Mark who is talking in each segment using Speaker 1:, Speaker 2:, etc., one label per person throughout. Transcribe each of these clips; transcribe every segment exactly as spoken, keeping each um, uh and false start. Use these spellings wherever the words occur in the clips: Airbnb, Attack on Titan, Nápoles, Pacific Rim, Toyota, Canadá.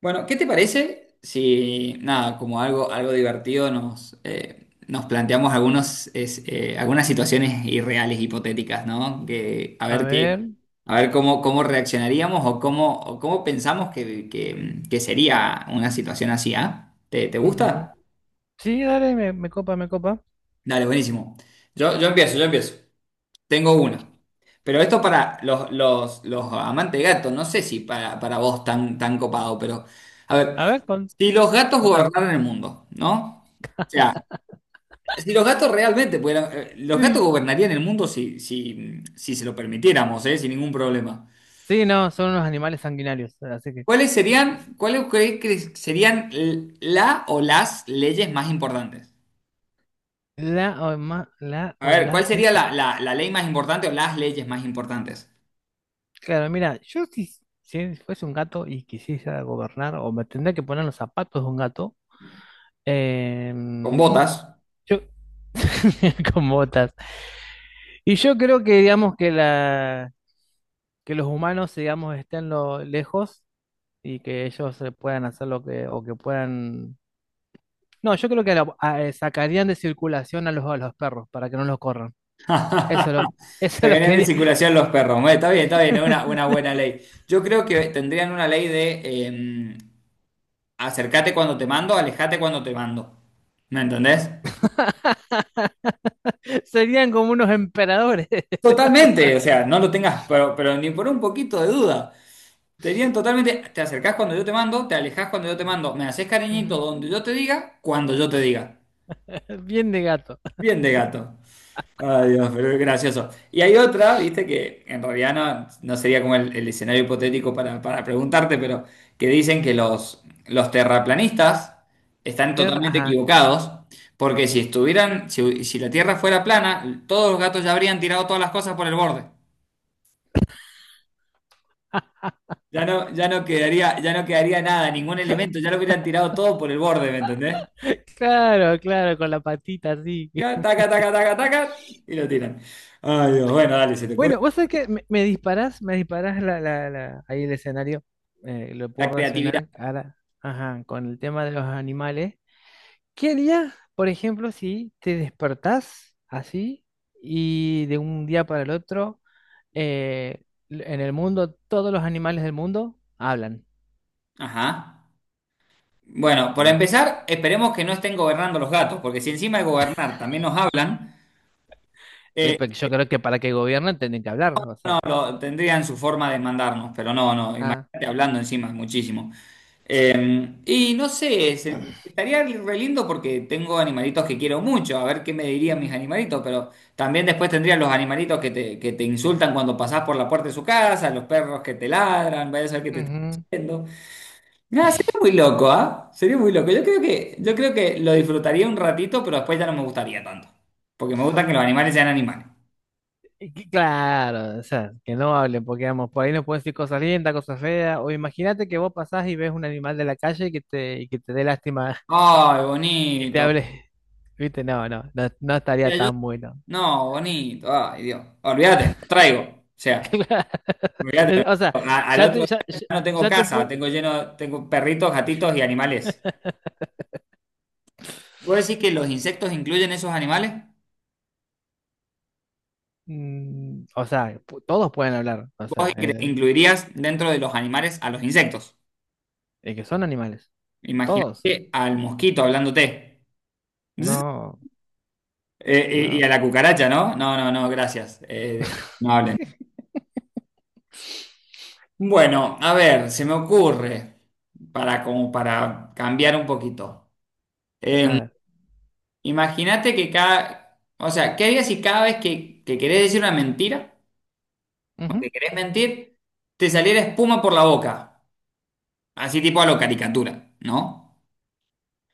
Speaker 1: Bueno, ¿qué te parece si, nada, como algo, algo divertido nos, eh, nos planteamos algunos, es, eh, algunas situaciones irreales, hipotéticas, ¿no? Que, a
Speaker 2: A
Speaker 1: ver qué,
Speaker 2: ver.
Speaker 1: a ver cómo, cómo reaccionaríamos o cómo, o cómo pensamos que, que- que sería una situación así, ¿ah? ¿Te, te
Speaker 2: Ujú.
Speaker 1: gusta?
Speaker 2: Sí, dale, me, me copa, me copa.
Speaker 1: Dale, buenísimo. Yo, yo empiezo, yo empiezo. Tengo una. Pero esto para los, los, los amantes de gato, no sé si para, para vos tan, tan copado, pero... A ver.
Speaker 2: A ver, con,
Speaker 1: Si los gatos
Speaker 2: contame.
Speaker 1: gobernaran el mundo, ¿no? O sea, si los gatos realmente pudieran, eh, los gatos
Speaker 2: Sí.
Speaker 1: gobernarían el mundo si, si, si se lo permitiéramos, ¿eh? Sin ningún problema.
Speaker 2: Sí, no, son unos animales sanguinarios. Así que.
Speaker 1: ¿Cuáles serían, cuáles creéis que serían l- la o las leyes más importantes?
Speaker 2: La o, ma- la
Speaker 1: A
Speaker 2: o
Speaker 1: ver, ¿cuál
Speaker 2: las
Speaker 1: sería
Speaker 2: leyes.
Speaker 1: la, la- la ley más importante o las leyes más importantes?
Speaker 2: Claro, mira, yo si, si fuese un gato y quisiera gobernar, o me tendría que poner los zapatos de un gato.
Speaker 1: Con
Speaker 2: em,
Speaker 1: botas.
Speaker 2: yo, con botas. Y yo creo que, digamos, que la, que los humanos, digamos, estén lo, lejos y que ellos eh, puedan hacer lo que, o que puedan. No, yo creo que la- a- eh, sacarían de circulación a los, a los perros para que no los corran. Eso lo, Eso lo
Speaker 1: Sacarían de
Speaker 2: quería.
Speaker 1: circulación los perros. Bueno, está bien, está bien, es una, una buena ley. Yo creo que tendrían una ley de eh, acercate cuando te mando, alejate cuando te mando. ¿Me entendés?
Speaker 2: Serían como unos emperadores.
Speaker 1: Totalmente, o sea, no lo tengas, pero, pero ni por un poquito de duda. Tenían totalmente, te acercás cuando yo te mando, te alejás cuando yo te mando, me haces cariñito
Speaker 2: Ujú.
Speaker 1: donde yo te diga, cuando yo te diga.
Speaker 2: Bien de gato.
Speaker 1: Bien de gato. Ay, Dios, pero es gracioso. Y hay otra, viste, que en realidad no, no sería como el, el escenario hipotético para, para preguntarte, pero que dicen que los, los terraplanistas están
Speaker 2: Ter-
Speaker 1: totalmente
Speaker 2: Ajá.
Speaker 1: equivocados, porque si estuvieran, si si la Tierra fuera plana, todos los gatos ya habrían tirado todas las cosas por el borde. Ya no, ya no quedaría, ya no quedaría nada, ningún elemento, ya lo hubieran tirado todo por el borde, ¿me entendés?
Speaker 2: Claro, claro, con la patita así.
Speaker 1: Ya, Taca, taca, taca, taca, y lo tiran. Ay, Dios, bueno, dale, se te ocurre
Speaker 2: Bueno, vos sabés que me, me disparás, me disparás la, la- la- ahí el escenario. Eh, lo puedo
Speaker 1: la creatividad.
Speaker 2: relacionar ahora, ajá, con el tema de los animales. ¿Qué harías, por ejemplo, si te despertás así y de un día para el otro, eh, en el mundo, todos los animales del mundo hablan?
Speaker 1: Ajá. Bueno, para
Speaker 2: Que-
Speaker 1: empezar, esperemos que no estén gobernando los gatos, porque si encima de gobernar también nos hablan,
Speaker 2: eh,
Speaker 1: eh,
Speaker 2: porque yo creo que para que gobiernen tienen que hablar, ¿no? O
Speaker 1: no,
Speaker 2: sea,
Speaker 1: lo- tendrían su forma de mandarnos, pero no, no,
Speaker 2: ah,
Speaker 1: imagínate hablando encima, muchísimo. Y no sé, se- estaría re lindo porque tengo animalitos que quiero mucho, a ver qué me dirían mis
Speaker 2: mm,
Speaker 1: animalitos, pero también después tendrían los animalitos que te, que te insultan cuando pasás por la puerta de su casa, los perros que te ladran, vaya a saber qué te están
Speaker 2: ujú.
Speaker 1: diciendo. Nada, sería muy loco, ¿ah? Sería muy loco. Yo creo que, yo creo que lo disfrutaría un ratito, pero después ya no me gustaría tanto, porque me gusta que los animales sean animales.
Speaker 2: Y que- Claro, o sea, que no hablen, porque vamos, por ahí nos pueden decir cosas lindas, cosas feas, o imagínate que vos pasás y ves un animal de la calle y que te, y que te dé lástima
Speaker 1: Ay,
Speaker 2: y que te
Speaker 1: bonito.
Speaker 2: hable, viste, no, no, no, no estaría
Speaker 1: Decía yo,
Speaker 2: tan bueno.
Speaker 1: no, bonito. Ay, Dios. Olvídate, lo traigo. O sea. Mirá,
Speaker 2: O sea,
Speaker 1: a- al
Speaker 2: ya
Speaker 1: otro
Speaker 2: te, ya,
Speaker 1: día
Speaker 2: ya-
Speaker 1: ya no tengo
Speaker 2: ya te
Speaker 1: casa,
Speaker 2: pon-
Speaker 1: tengo lleno, tengo perritos, gatitos y animales. ¿Vos decís que los insectos incluyen esos animales?
Speaker 2: mm. O sea, pu- todos pueden hablar. O
Speaker 1: ¿Vos
Speaker 2: sea, en
Speaker 1: incre-
Speaker 2: el-
Speaker 1: incluirías dentro de los animales a los insectos?
Speaker 2: en que son animales. Todos.
Speaker 1: Imagínate al mosquito hablándote. Zzz.
Speaker 2: No,
Speaker 1: Eh, y, y
Speaker 2: no.
Speaker 1: a la cucaracha, ¿no? No, no, no, gracias. Eh, deja- no hablen. Bueno, a ver, se me ocurre, para, como para cambiar un poquito.
Speaker 2: A
Speaker 1: Em,
Speaker 2: ver.
Speaker 1: imagínate que cada, o sea, ¿qué harías si cada vez que, que querés decir una mentira, no
Speaker 2: Ujú.
Speaker 1: te querés mentir, te saliera espuma por la boca, así tipo a lo caricatura, ¿no?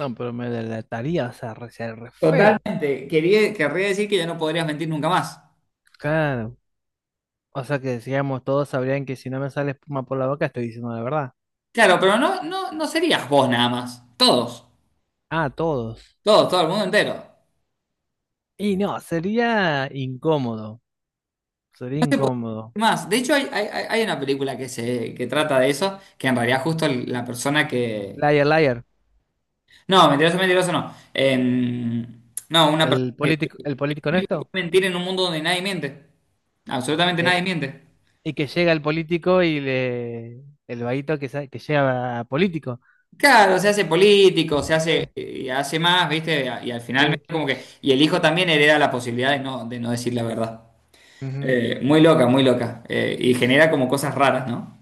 Speaker 2: No, pero me delataría, o sea, re, sería re feo.
Speaker 1: Totalmente. Quería, querría decir que ya no podrías mentir nunca más.
Speaker 2: Claro. O sea que digamos, todos sabrían que si no me sale espuma por la boca, estoy diciendo la verdad.
Speaker 1: Claro, pero no, no, no serías vos nada más. Todos,
Speaker 2: Ah, todos.
Speaker 1: todos, todo el mundo entero. No
Speaker 2: Y no, sería incómodo.
Speaker 1: se
Speaker 2: Sería
Speaker 1: puede mentir
Speaker 2: incómodo.
Speaker 1: más. De hecho, hay, hay- hay- hay una película que se que trata de eso, que en realidad justo la persona que.
Speaker 2: Liar, liar.
Speaker 1: No, mentiroso, mentiroso no. Em, no, una persona
Speaker 2: El
Speaker 1: que
Speaker 2: político, el político
Speaker 1: puede
Speaker 2: honesto.
Speaker 1: mentir en un mundo donde nadie miente. Absolutamente nadie
Speaker 2: eh,
Speaker 1: miente.
Speaker 2: Y que llega el político y le. El vaguito que, sa- que llega a político.
Speaker 1: Claro, se hace político, se hace,
Speaker 2: Sí,
Speaker 1: eh, hace más, ¿viste? Y al final
Speaker 2: sí,
Speaker 1: como que, y el hijo también hereda la posibilidad de no, de no decir la verdad.
Speaker 2: ujú,
Speaker 1: Eh, muy loca, muy loca. Eh, y genera como cosas raras, ¿no?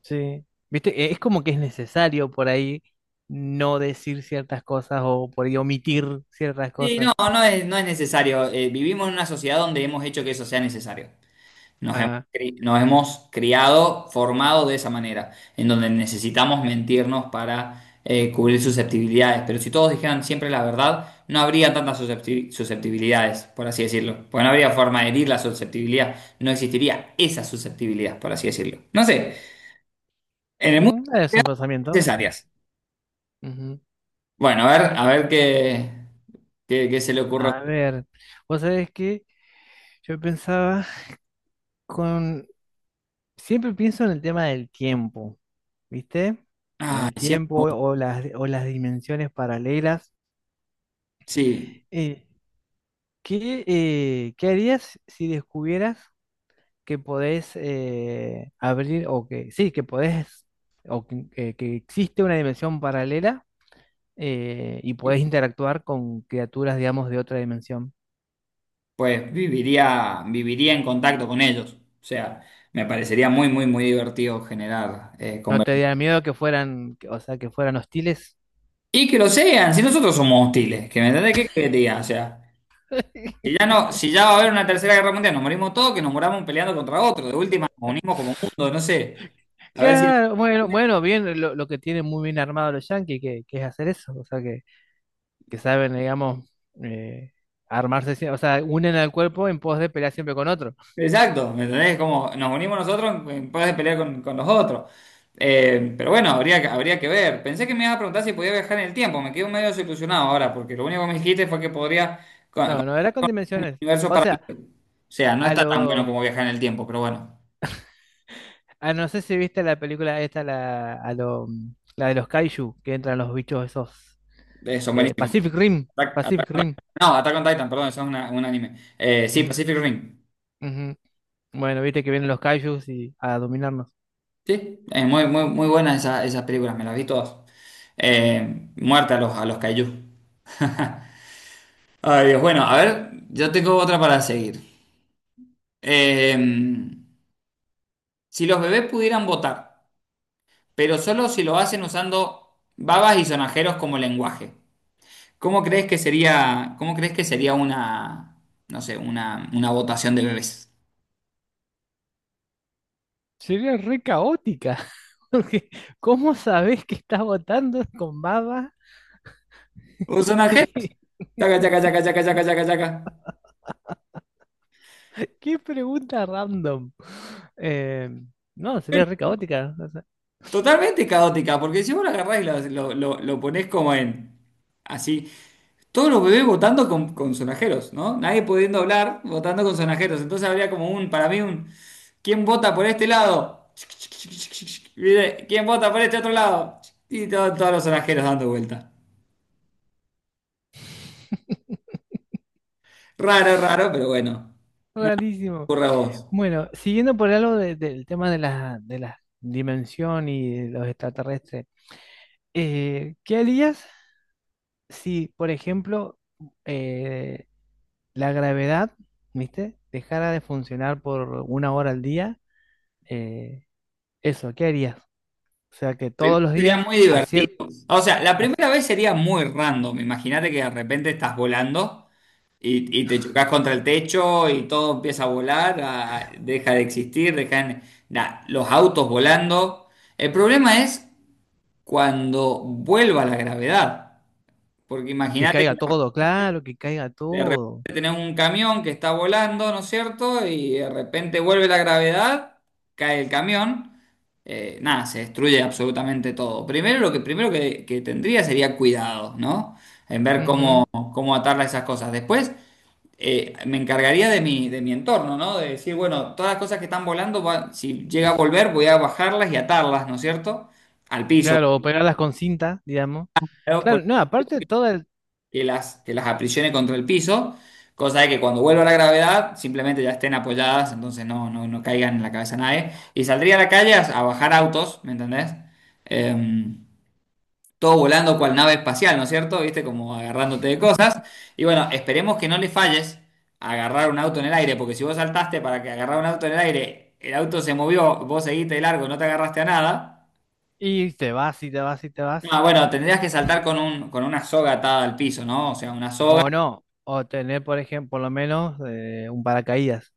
Speaker 2: sí. ¿Viste? Eh, Es como que es necesario por ahí no decir ciertas cosas o por ahí omitir ciertas
Speaker 1: Sí, no,
Speaker 2: cosas.
Speaker 1: no es, no es necesario. Eh, vivimos en una sociedad donde hemos hecho que eso sea necesario. Nos hemos,
Speaker 2: Ah,
Speaker 1: cri- nos hemos criado, formado de esa manera, en donde necesitamos mentirnos para eh, cubrir susceptibilidades. Pero si todos dijeran siempre la verdad, no habría tantas suscepti- susceptibilidades, por así decirlo. Porque no habría forma de herir la susceptibilidad. No existiría esa susceptibilidad, por así decirlo. No sé, en el mundo
Speaker 2: mm, es
Speaker 1: hay
Speaker 2: un pensamiento.
Speaker 1: necesarias.
Speaker 2: Ujú.
Speaker 1: Bueno, a ver, a ver qué, qué, qué se le ocurre.
Speaker 2: A ver, vos sabés que yo pensaba con. Siempre pienso en el tema del tiempo, ¿viste?
Speaker 1: Ay,
Speaker 2: El
Speaker 1: siempre,
Speaker 2: tiempo
Speaker 1: me gusta.
Speaker 2: o las, o las dimensiones paralelas.
Speaker 1: Sí.
Speaker 2: Eh, ¿Qué, eh, qué harías si descubrieras que podés eh, abrir o que sí, que podés o que, que- que existe una dimensión paralela eh, y podés interactuar con criaturas, digamos, de otra dimensión?
Speaker 1: Pues viviría, viviría en contacto con ellos. O sea, me parecería muy, muy, muy divertido generar eh,
Speaker 2: ¿No
Speaker 1: conver-
Speaker 2: te daría miedo que fueran, que- o sea, que fueran hostiles?
Speaker 1: Y que lo sean, si nosotros somos hostiles, que me entendés qué quería. O sea, si ya no, si ya va a haber una tercera guerra mundial, nos morimos todos, que nos moramos peleando contra otro. De última, nos unimos como mundo, no sé. A ver si.
Speaker 2: Claro, bueno, bueno, bien, lo, lo que tienen muy bien armado los yankees, que, que es hacer eso, o sea, que, que saben, digamos, eh, armarse, sie- o sea, unen al cuerpo en pos de pelear siempre con otro.
Speaker 1: Exacto, ¿me entendés? Como nos unimos nosotros en pos de pelear con, con los otros. Eh, pero bueno, habría, que- habría que ver. Pensé que me ibas a preguntar si podía viajar en el tiempo. Me quedo medio desilusionado ahora, porque lo único que me dijiste fue que podría con, con el
Speaker 2: No, no era con dimensiones.
Speaker 1: universo
Speaker 2: O
Speaker 1: para...
Speaker 2: sea,
Speaker 1: O sea, no
Speaker 2: a
Speaker 1: está tan bueno
Speaker 2: lo,
Speaker 1: como viajar en el tiempo, pero bueno,
Speaker 2: a no sé si viste la película esta, la, a lo, mm, la de los kaiju, que entran los bichos esos.
Speaker 1: eh, son
Speaker 2: eh,
Speaker 1: buenísimos.
Speaker 2: Pacific Rim,
Speaker 1: Attack-
Speaker 2: Pacific
Speaker 1: Attack-
Speaker 2: Rim.
Speaker 1: no, Attack on Titan, perdón, eso es una- un anime. Eh, sí,
Speaker 2: Ujú,
Speaker 1: Pacific Rim.
Speaker 2: ujú. Bueno, viste que vienen los kaijus y a dominarnos.
Speaker 1: Sí, es muy, muy, muy buenas esas, esas películas, me las vi todas. Eh, muerta a los, a los kaiju. Ay, Dios, bueno, a ver, yo tengo otra para seguir. Eh, si los bebés pudieran votar, pero solo si lo hacen usando babas y sonajeros como lenguaje, ¿cómo crees que sería, cómo crees que sería una, no sé, una, una votación de bebés?
Speaker 2: Sería re caótica. Porque ¿cómo sabés que estás votando con baba?
Speaker 1: Un sonajero. Chaca, chaca, chaca, chaca, chaca, chaca, chaca.
Speaker 2: Qué pregunta random. Eh, no, sería re caótica. O sea,
Speaker 1: Totalmente caótica, porque si vos lo agarrás y lo, lo, lo- lo ponés como en, así, todos los bebés votando con, con sonajeros, ¿no? Nadie pudiendo hablar, votando con sonajeros. Entonces habría como un, para mí, un, ¿quién vota por este lado? ¿Viste? ¿Quién vota por este otro lado? Y todo- todos los sonajeros dando vuelta. Raro, raro, pero bueno,
Speaker 2: rarísimo.
Speaker 1: ocurre a vos.
Speaker 2: Bueno, siguiendo por algo de- del tema de la, de la dimensión y de los extraterrestres, eh, ¿qué harías si, por ejemplo, eh, la gravedad, ¿viste? Dejara de funcionar por una hora al día? Eh, eso, ¿qué harías? O sea, que
Speaker 1: Primero
Speaker 2: todos los
Speaker 1: sería
Speaker 2: días
Speaker 1: muy
Speaker 2: a
Speaker 1: divertido.
Speaker 2: cier-
Speaker 1: O sea, la
Speaker 2: a-
Speaker 1: primera vez sería muy random. Imagínate que de repente estás volando. Y, y te chocas contra el techo y todo empieza a volar, a- deja de existir, dejan nah, los autos volando. El problema es cuando vuelva la gravedad, porque
Speaker 2: que
Speaker 1: imagínate que
Speaker 2: caiga todo, claro, que caiga
Speaker 1: de repente
Speaker 2: todo.
Speaker 1: tenés un camión que está volando, ¿no es cierto? Y de repente vuelve la gravedad, cae el camión, eh, nada, se destruye absolutamente todo. Primero lo que primero que, que tendría sería cuidado, ¿no? En ver cómo,
Speaker 2: Ujú.
Speaker 1: cómo atarla a esas cosas. Después eh, me encargaría de mi, de mi entorno, ¿no? De decir, bueno, todas las cosas que están volando, va- si llega a volver, voy a bajarlas y atarlas, ¿no es cierto? Al piso,
Speaker 2: Claro, o pegarlas con cinta, digamos.
Speaker 1: ¿no? Por-
Speaker 2: Claro, no, aparte todo el...
Speaker 1: que las, que las aprisione contra el piso, cosa de que cuando vuelva la gravedad, simplemente ya estén apoyadas, entonces no, no, no caigan en la cabeza a nadie. Y saldría a la calle a, a bajar autos, ¿me entendés? Em, todo volando cual nave espacial, ¿no es cierto? ¿Viste? Como agarrándote de cosas. Y bueno, esperemos que no le falles a agarrar un auto en el aire, porque si vos saltaste para que agarrar un auto en el aire, el auto se movió, vos seguiste de largo, no te agarraste a nada.
Speaker 2: Y te vas y te vas y te vas.
Speaker 1: Ah, bueno, tendrías que saltar con un, con una soga atada al piso, ¿no? O sea, una soga.
Speaker 2: O no, o tener, por ejemplo, por lo menos eh, un paracaídas.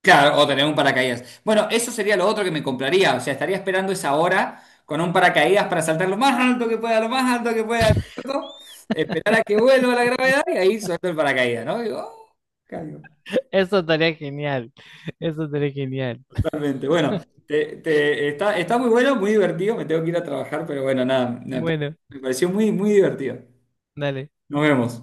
Speaker 1: Claro, o tener un paracaídas. Bueno, eso sería lo otro que me compraría. O sea, estaría esperando esa hora con un paracaídas para saltar lo más alto que pueda, lo más alto que pueda, ¿no? Esperar a que vuelva la gravedad y ahí suelto el paracaídas, ¿no? Digo, "Oh, caigo".
Speaker 2: Eso estaría genial. Eso estaría genial.
Speaker 1: Totalmente. Bueno, te- te- está, está muy bueno, muy divertido. Me tengo que ir a trabajar, pero bueno, nada, me pa-
Speaker 2: Bueno,
Speaker 1: me pareció muy, muy divertido.
Speaker 2: dale.
Speaker 1: Nos vemos.